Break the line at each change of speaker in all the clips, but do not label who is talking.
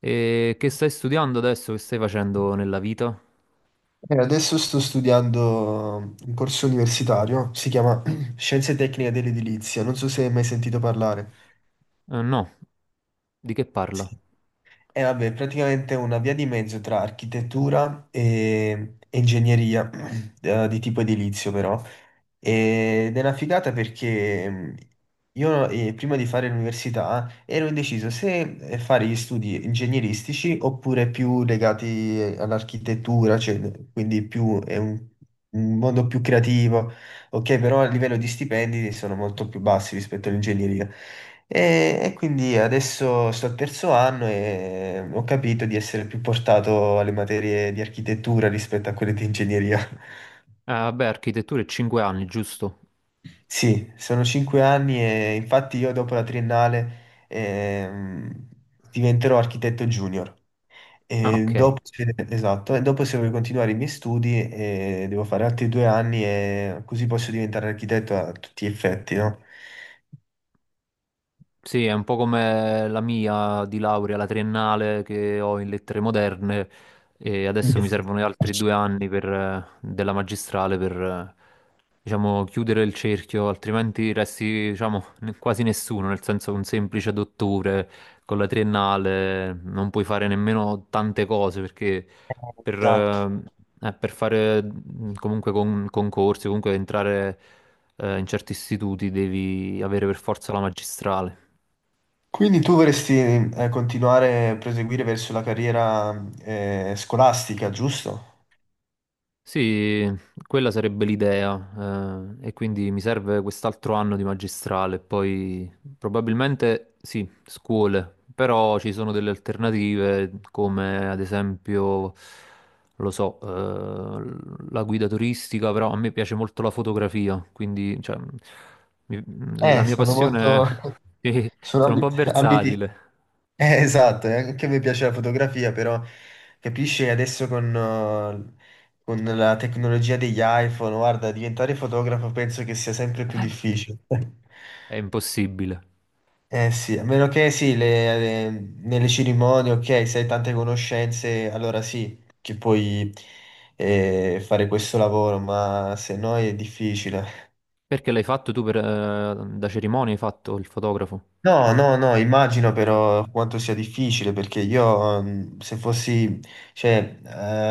E che stai studiando adesso? Che stai facendo nella vita?
Adesso sto studiando un corso universitario, si chiama Scienze Tecniche dell'Edilizia, non so se hai mai sentito parlare.
No, di che parla?
Sì. E vabbè, praticamente è una via di mezzo tra architettura e ingegneria, di tipo edilizio però. Ed è una figata perché io prima di fare l'università ero indeciso se fare gli studi ingegneristici oppure più legati all'architettura, cioè, quindi più, è un mondo più creativo, ok, però a livello di stipendi sono molto più bassi rispetto all'ingegneria. E quindi adesso sto al terzo anno e ho capito di essere più portato alle materie di architettura rispetto a quelle di ingegneria.
Ah, vabbè, architettura è 5 anni, giusto?
Sì, sono 5 anni e infatti io dopo la triennale diventerò architetto junior.
Ah,
E
ok.
dopo, esatto, e dopo se voglio continuare i miei studi devo fare altri 2 anni e così posso diventare architetto a tutti gli effetti, no?
Sì, è un po' come la mia di laurea, la triennale che ho in lettere moderne e
Mm.
adesso mi
Yes.
servono gli altri due anni per, della magistrale per, diciamo, chiudere il cerchio, altrimenti resti, diciamo, quasi nessuno, nel senso che un semplice dottore con la triennale non puoi fare nemmeno tante cose perché per,
Esatto.
eh, per fare comunque concorsi, comunque entrare in certi istituti devi avere per forza la magistrale.
Quindi tu vorresti continuare a proseguire verso la carriera scolastica, giusto?
Sì, quella sarebbe l'idea, e quindi mi serve quest'altro anno di magistrale, poi probabilmente sì, scuole, però ci sono delle alternative come ad esempio, lo so, la guida turistica, però a me piace molto la fotografia, quindi cioè, mi- la mia
Sono
passione,
molto...
sì,
sono
sono un po'
ambiti.
versatile,
Esatto, e anche a me piace la fotografia, però capisci adesso con la tecnologia degli iPhone, guarda, diventare fotografo penso che sia sempre più difficile.
è impossibile.
Eh sì, a meno che sì, le- nelle cerimonie, ok, se hai tante conoscenze, allora sì, che puoi fare questo lavoro, ma se no è difficile.
Perché l'hai fatto tu per, da cerimonia, hai fatto il fotografo?
No, no, no, immagino
Sì.
però quanto sia difficile perché io mm, se fossi, cioè,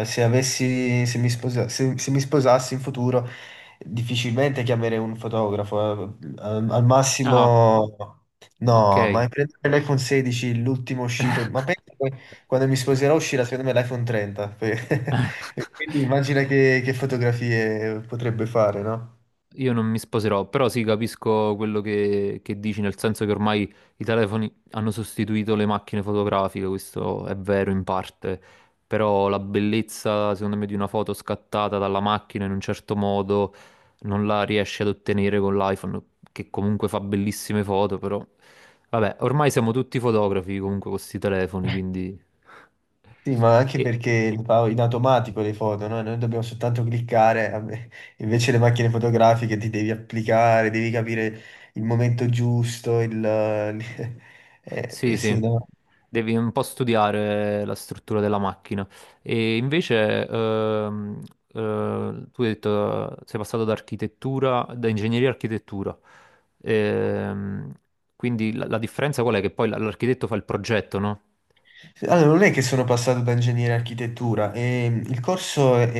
se avessi, se mi sposassi in futuro, difficilmente chiamerei un fotografo. Al
Ah,
massimo, no,
ok.
ma prendere l'iPhone 16, l'ultimo uscito, ma penso che quando mi sposerò uscirà secondo me l'iPhone 30. Quindi immagina che fotografie potrebbe fare, no?
Io non mi sposerò, però sì, capisco quello che dici, nel senso che ormai i telefoni hanno sostituito le macchine fotografiche, questo è vero in parte, però la bellezza, secondo me, di una foto scattata dalla macchina in un certo modo non la riesci ad ottenere con l'iPhone, che comunque fa bellissime foto, però vabbè, ormai siamo tutti fotografi comunque con questi telefoni, quindi...
Sì, ma anche
E,
perché le fa in automatico le foto, no? Noi dobbiamo soltanto cliccare, invece le macchine fotografiche ti devi applicare, devi capire il momento giusto, il...
sì, sì,
sì, no?
devi un po' studiare la struttura della macchina. E invece, tu hai detto, sei passato da architettura, da ingegneria a architettura. Ehm, quindi la, la differenza qual è? Che poi l'architetto fa il progetto, no?
Allora, non è che sono passato da ingegnere a architettura, il corso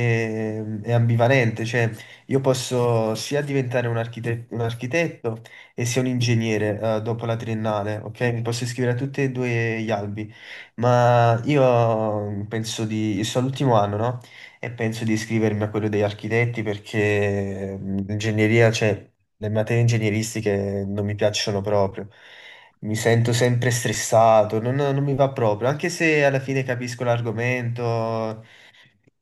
è ambivalente, cioè io posso sia diventare un architetto e sia un ingegnere, dopo la triennale, ok? Mi posso iscrivere a tutti e due gli albi, ma io penso di... io sono all'ultimo anno, no? E penso di iscrivermi a quello degli architetti perché mm, l'ingegneria, cioè le materie ingegneristiche non mi piacciono proprio. Mi sento sempre stressato, non mi va proprio, anche se alla fine capisco l'argomento,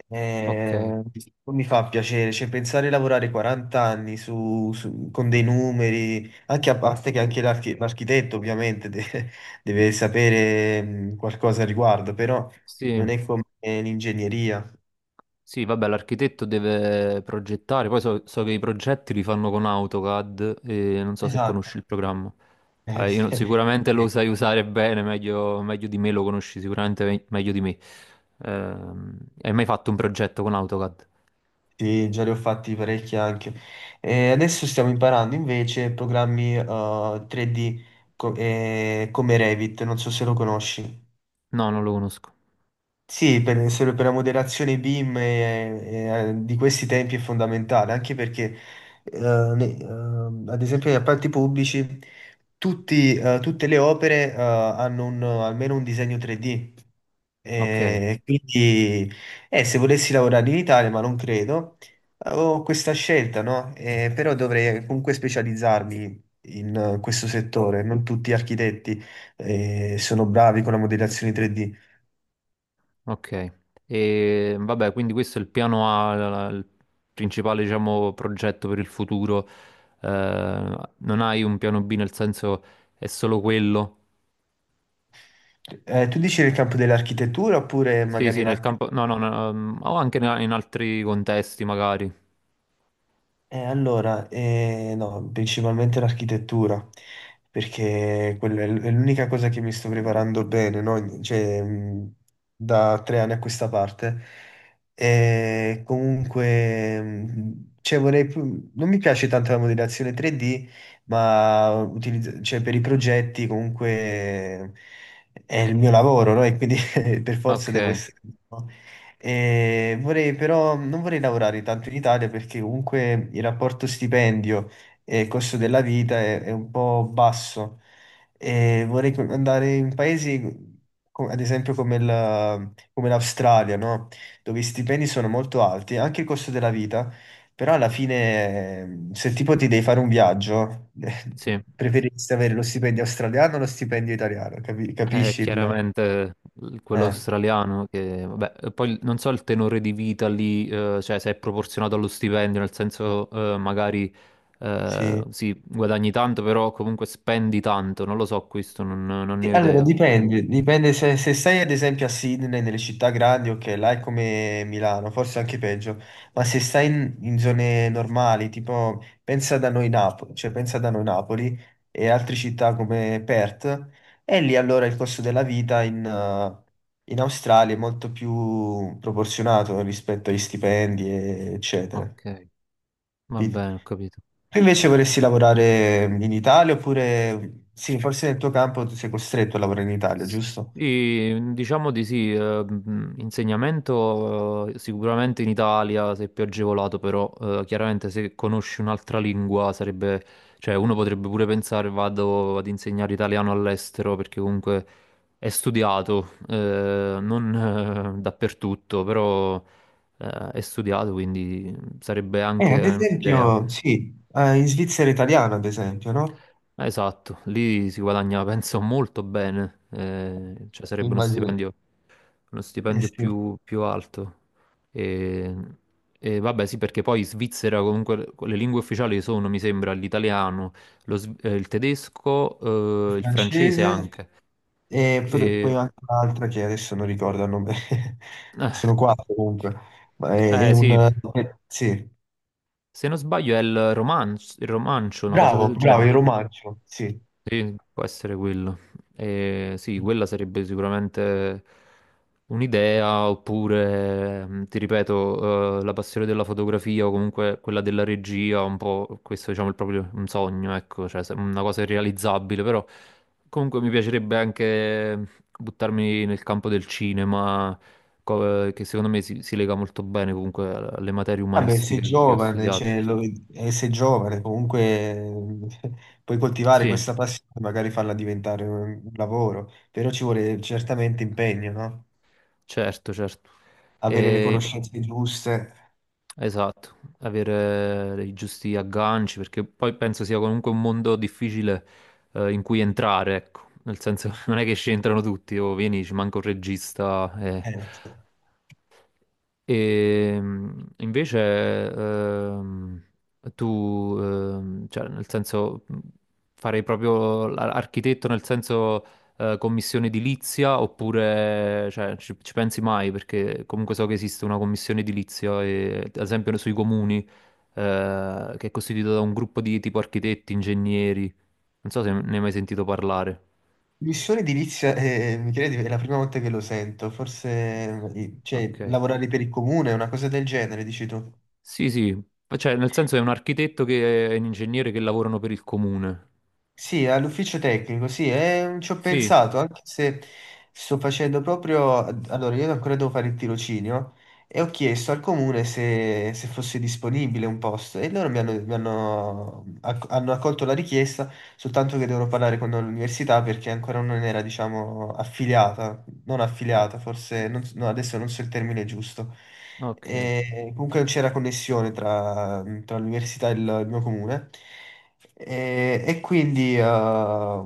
eh,
Ok.
non mi fa piacere, cioè pensare di lavorare 40 anni con dei numeri, anche a parte che anche l'architetto ovviamente deve sapere qualcosa al riguardo, però
Sì,
non è come l'ingegneria.
sì, vabbè, l'architetto deve progettare, poi so, so che i progetti li fanno con AutoCAD e non so se
Esatto.
conosci il programma. Io
Sì.
non- sicuramente lo sai usare bene, meglio, meglio di me lo conosci sicuramente meglio di me. Hai mai fatto un progetto con AutoCAD?
Sì, già ne ho fatti parecchi anche. E adesso stiamo imparando invece programmi 3D come Revit, non so se lo conosci.
No, non lo conosco.
Sì, per, serve per la moderazione BIM e, di questi tempi è fondamentale, anche perché, eh, ad esempio, negli appalti pubblici tutte le opere hanno un- almeno un disegno 3D.
Ok,
E quindi, se volessi lavorare in Italia, ma non credo, ho questa scelta, no? Però dovrei comunque specializzarmi in questo settore. Non tutti gli architetti, sono bravi con la modellazione 3D.
ok. E vabbè, quindi questo è il piano A, il principale, diciamo, progetto per il futuro. Non hai un piano B nel senso è solo quello?
Tu dici nel campo dell'architettura oppure
Sì,
magari
sì,
in
nel
altri.
campo... No, no, no, o anche in altri contesti magari.
No, principalmente l'architettura, perché quella è l'unica cosa che mi sto preparando bene, no? Cioè, da 3 anni a questa parte. E comunque, cioè, non mi piace tanto la modellazione 3D, ma cioè, per i progetti comunque è il mio lavoro, no? E quindi per forza
Ok,
devo essere... no, e vorrei però, non vorrei lavorare tanto in Italia perché comunque il rapporto stipendio e costo della vita è un po' basso. E vorrei andare in paesi, ad esempio, come l'Australia, no? Dove i stipendi sono molto alti, anche il costo della vita, però alla fine, se tipo ti devi fare un viaggio,
sì.
preferiresti avere lo stipendio australiano o lo stipendio italiano? Capisci il...
Chiaramente quello
eh,
australiano che... Vabbè, e poi non so il tenore di vita lì, cioè se è proporzionato allo stipendio, nel senso magari
sì.
sì, guadagni tanto, però comunque spendi tanto, non lo so questo, non, non
Sì,
ne ho
allora,
idea.
dipende se, se sei ad esempio a Sydney, nelle città grandi, ok, là è come Milano, forse anche peggio, ma se stai in zone normali, tipo pensa da noi Napoli, cioè pensa da noi Napoli e altre città come Perth, e lì allora il costo della vita in Australia è molto più proporzionato rispetto agli stipendi, eccetera.
Ok, va
Capito?
bene, ho capito.
Tu invece vorresti lavorare in Italia oppure, sì, forse nel tuo campo tu sei costretto a lavorare in Italia, giusto?
Sì, diciamo di sì, insegnamento sicuramente in Italia sei più agevolato, però chiaramente se conosci un'altra lingua sarebbe, cioè uno potrebbe pure pensare vado ad insegnare italiano all'estero perché comunque è studiato, non dappertutto, però è studiato, quindi sarebbe anche
Ad
sì, un'idea.
esempio, sì, in Svizzera italiana, ad esempio, no?
Esatto, lì si guadagna, penso, molto bene, cioè sarebbe
Immagino.
uno
Eh
stipendio
sì,
più, più alto. E, e vabbè, sì, perché poi in Svizzera comunque le lingue ufficiali sono, mi sembra, l'italiano, il tedesco, il francese
francese
anche.
e poi
E-
anche un'altra che adesso non ricordo il nome, sono quattro comunque, ma è un...
sì,
sì,
se non sbaglio è il romanzo, il romancio, una cosa
bravo,
del
bravo,
genere.
il romancio, sì.
Sì, può essere quello. Sì, quella sarebbe sicuramente un'idea, oppure, ti ripeto, la passione della fotografia o comunque quella della regia, un po' questo diciamo è proprio un sogno, ecco, una cosa irrealizzabile, però comunque mi piacerebbe anche buttarmi nel campo del cinema, che secondo me si, si lega molto bene comunque alle materie
Vabbè, sei
umanistiche che ho
giovane,
studiato.
cioè, sei giovane, comunque eh, puoi coltivare
Sì,
questa passione, magari farla diventare un lavoro, però ci vuole certamente impegno, no?
certo, certo.
Avere le
E-
conoscenze giuste.
esatto, avere i giusti agganci, perché poi penso sia comunque un mondo difficile in cui entrare, ecco. Nel senso, non è che ci entrano tutti, o vieni, ci manca un regista, eh.
Eh,
E invece, ehm, cioè, nel senso, farei proprio l'architetto nel senso commissione edilizia oppure, cioè, ci pensi mai? Perché comunque so che esiste una commissione edilizia, e, ad esempio sui comuni, che è costituita da un gruppo di tipo architetti, ingegneri. Non so se ne hai mai sentito parlare.
missione edilizia, Michele, è la prima volta che lo sento, forse cioè,
Ok.
lavorare per il comune, una cosa del genere, dici tu.
Sì, sì, cioè nel senso è un architetto che è un ingegnere che lavorano per il comune.
Sì, all'ufficio tecnico, sì, ci ho
Sì,
pensato, anche se sto facendo proprio... Allora, io ancora devo fare il tirocinio e ho chiesto al comune se, se fosse disponibile un posto e loro hanno accolto la richiesta, soltanto che devono parlare con l'università perché ancora non era, diciamo, affiliata. Non affiliata, forse, non so- no, adesso non so il termine giusto.
ok.
E comunque c'era connessione tra l'università e il mio comune. E quindi,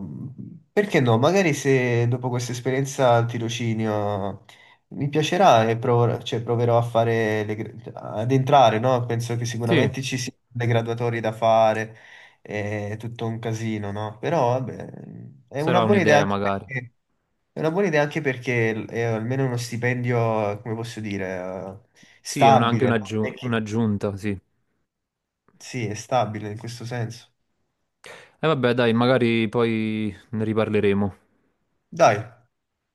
perché no? Magari se dopo questa esperienza al tirocinio mi piacerà e cioè, proverò a fare le gra- ad entrare, no? Penso che
Sì,
sicuramente ci siano le graduatorie da fare, è tutto un casino, no? Però vabbè, è una
sarà
buona idea
un'idea
anche
magari.
perché è una buona idea anche perché è almeno uno stipendio, come posso dire,
Sì, è anche
stabile, no?
un'aggiunta, sì.
Sì, è stabile in questo senso.
E vabbè, dai, magari poi ne riparleremo.
Dai,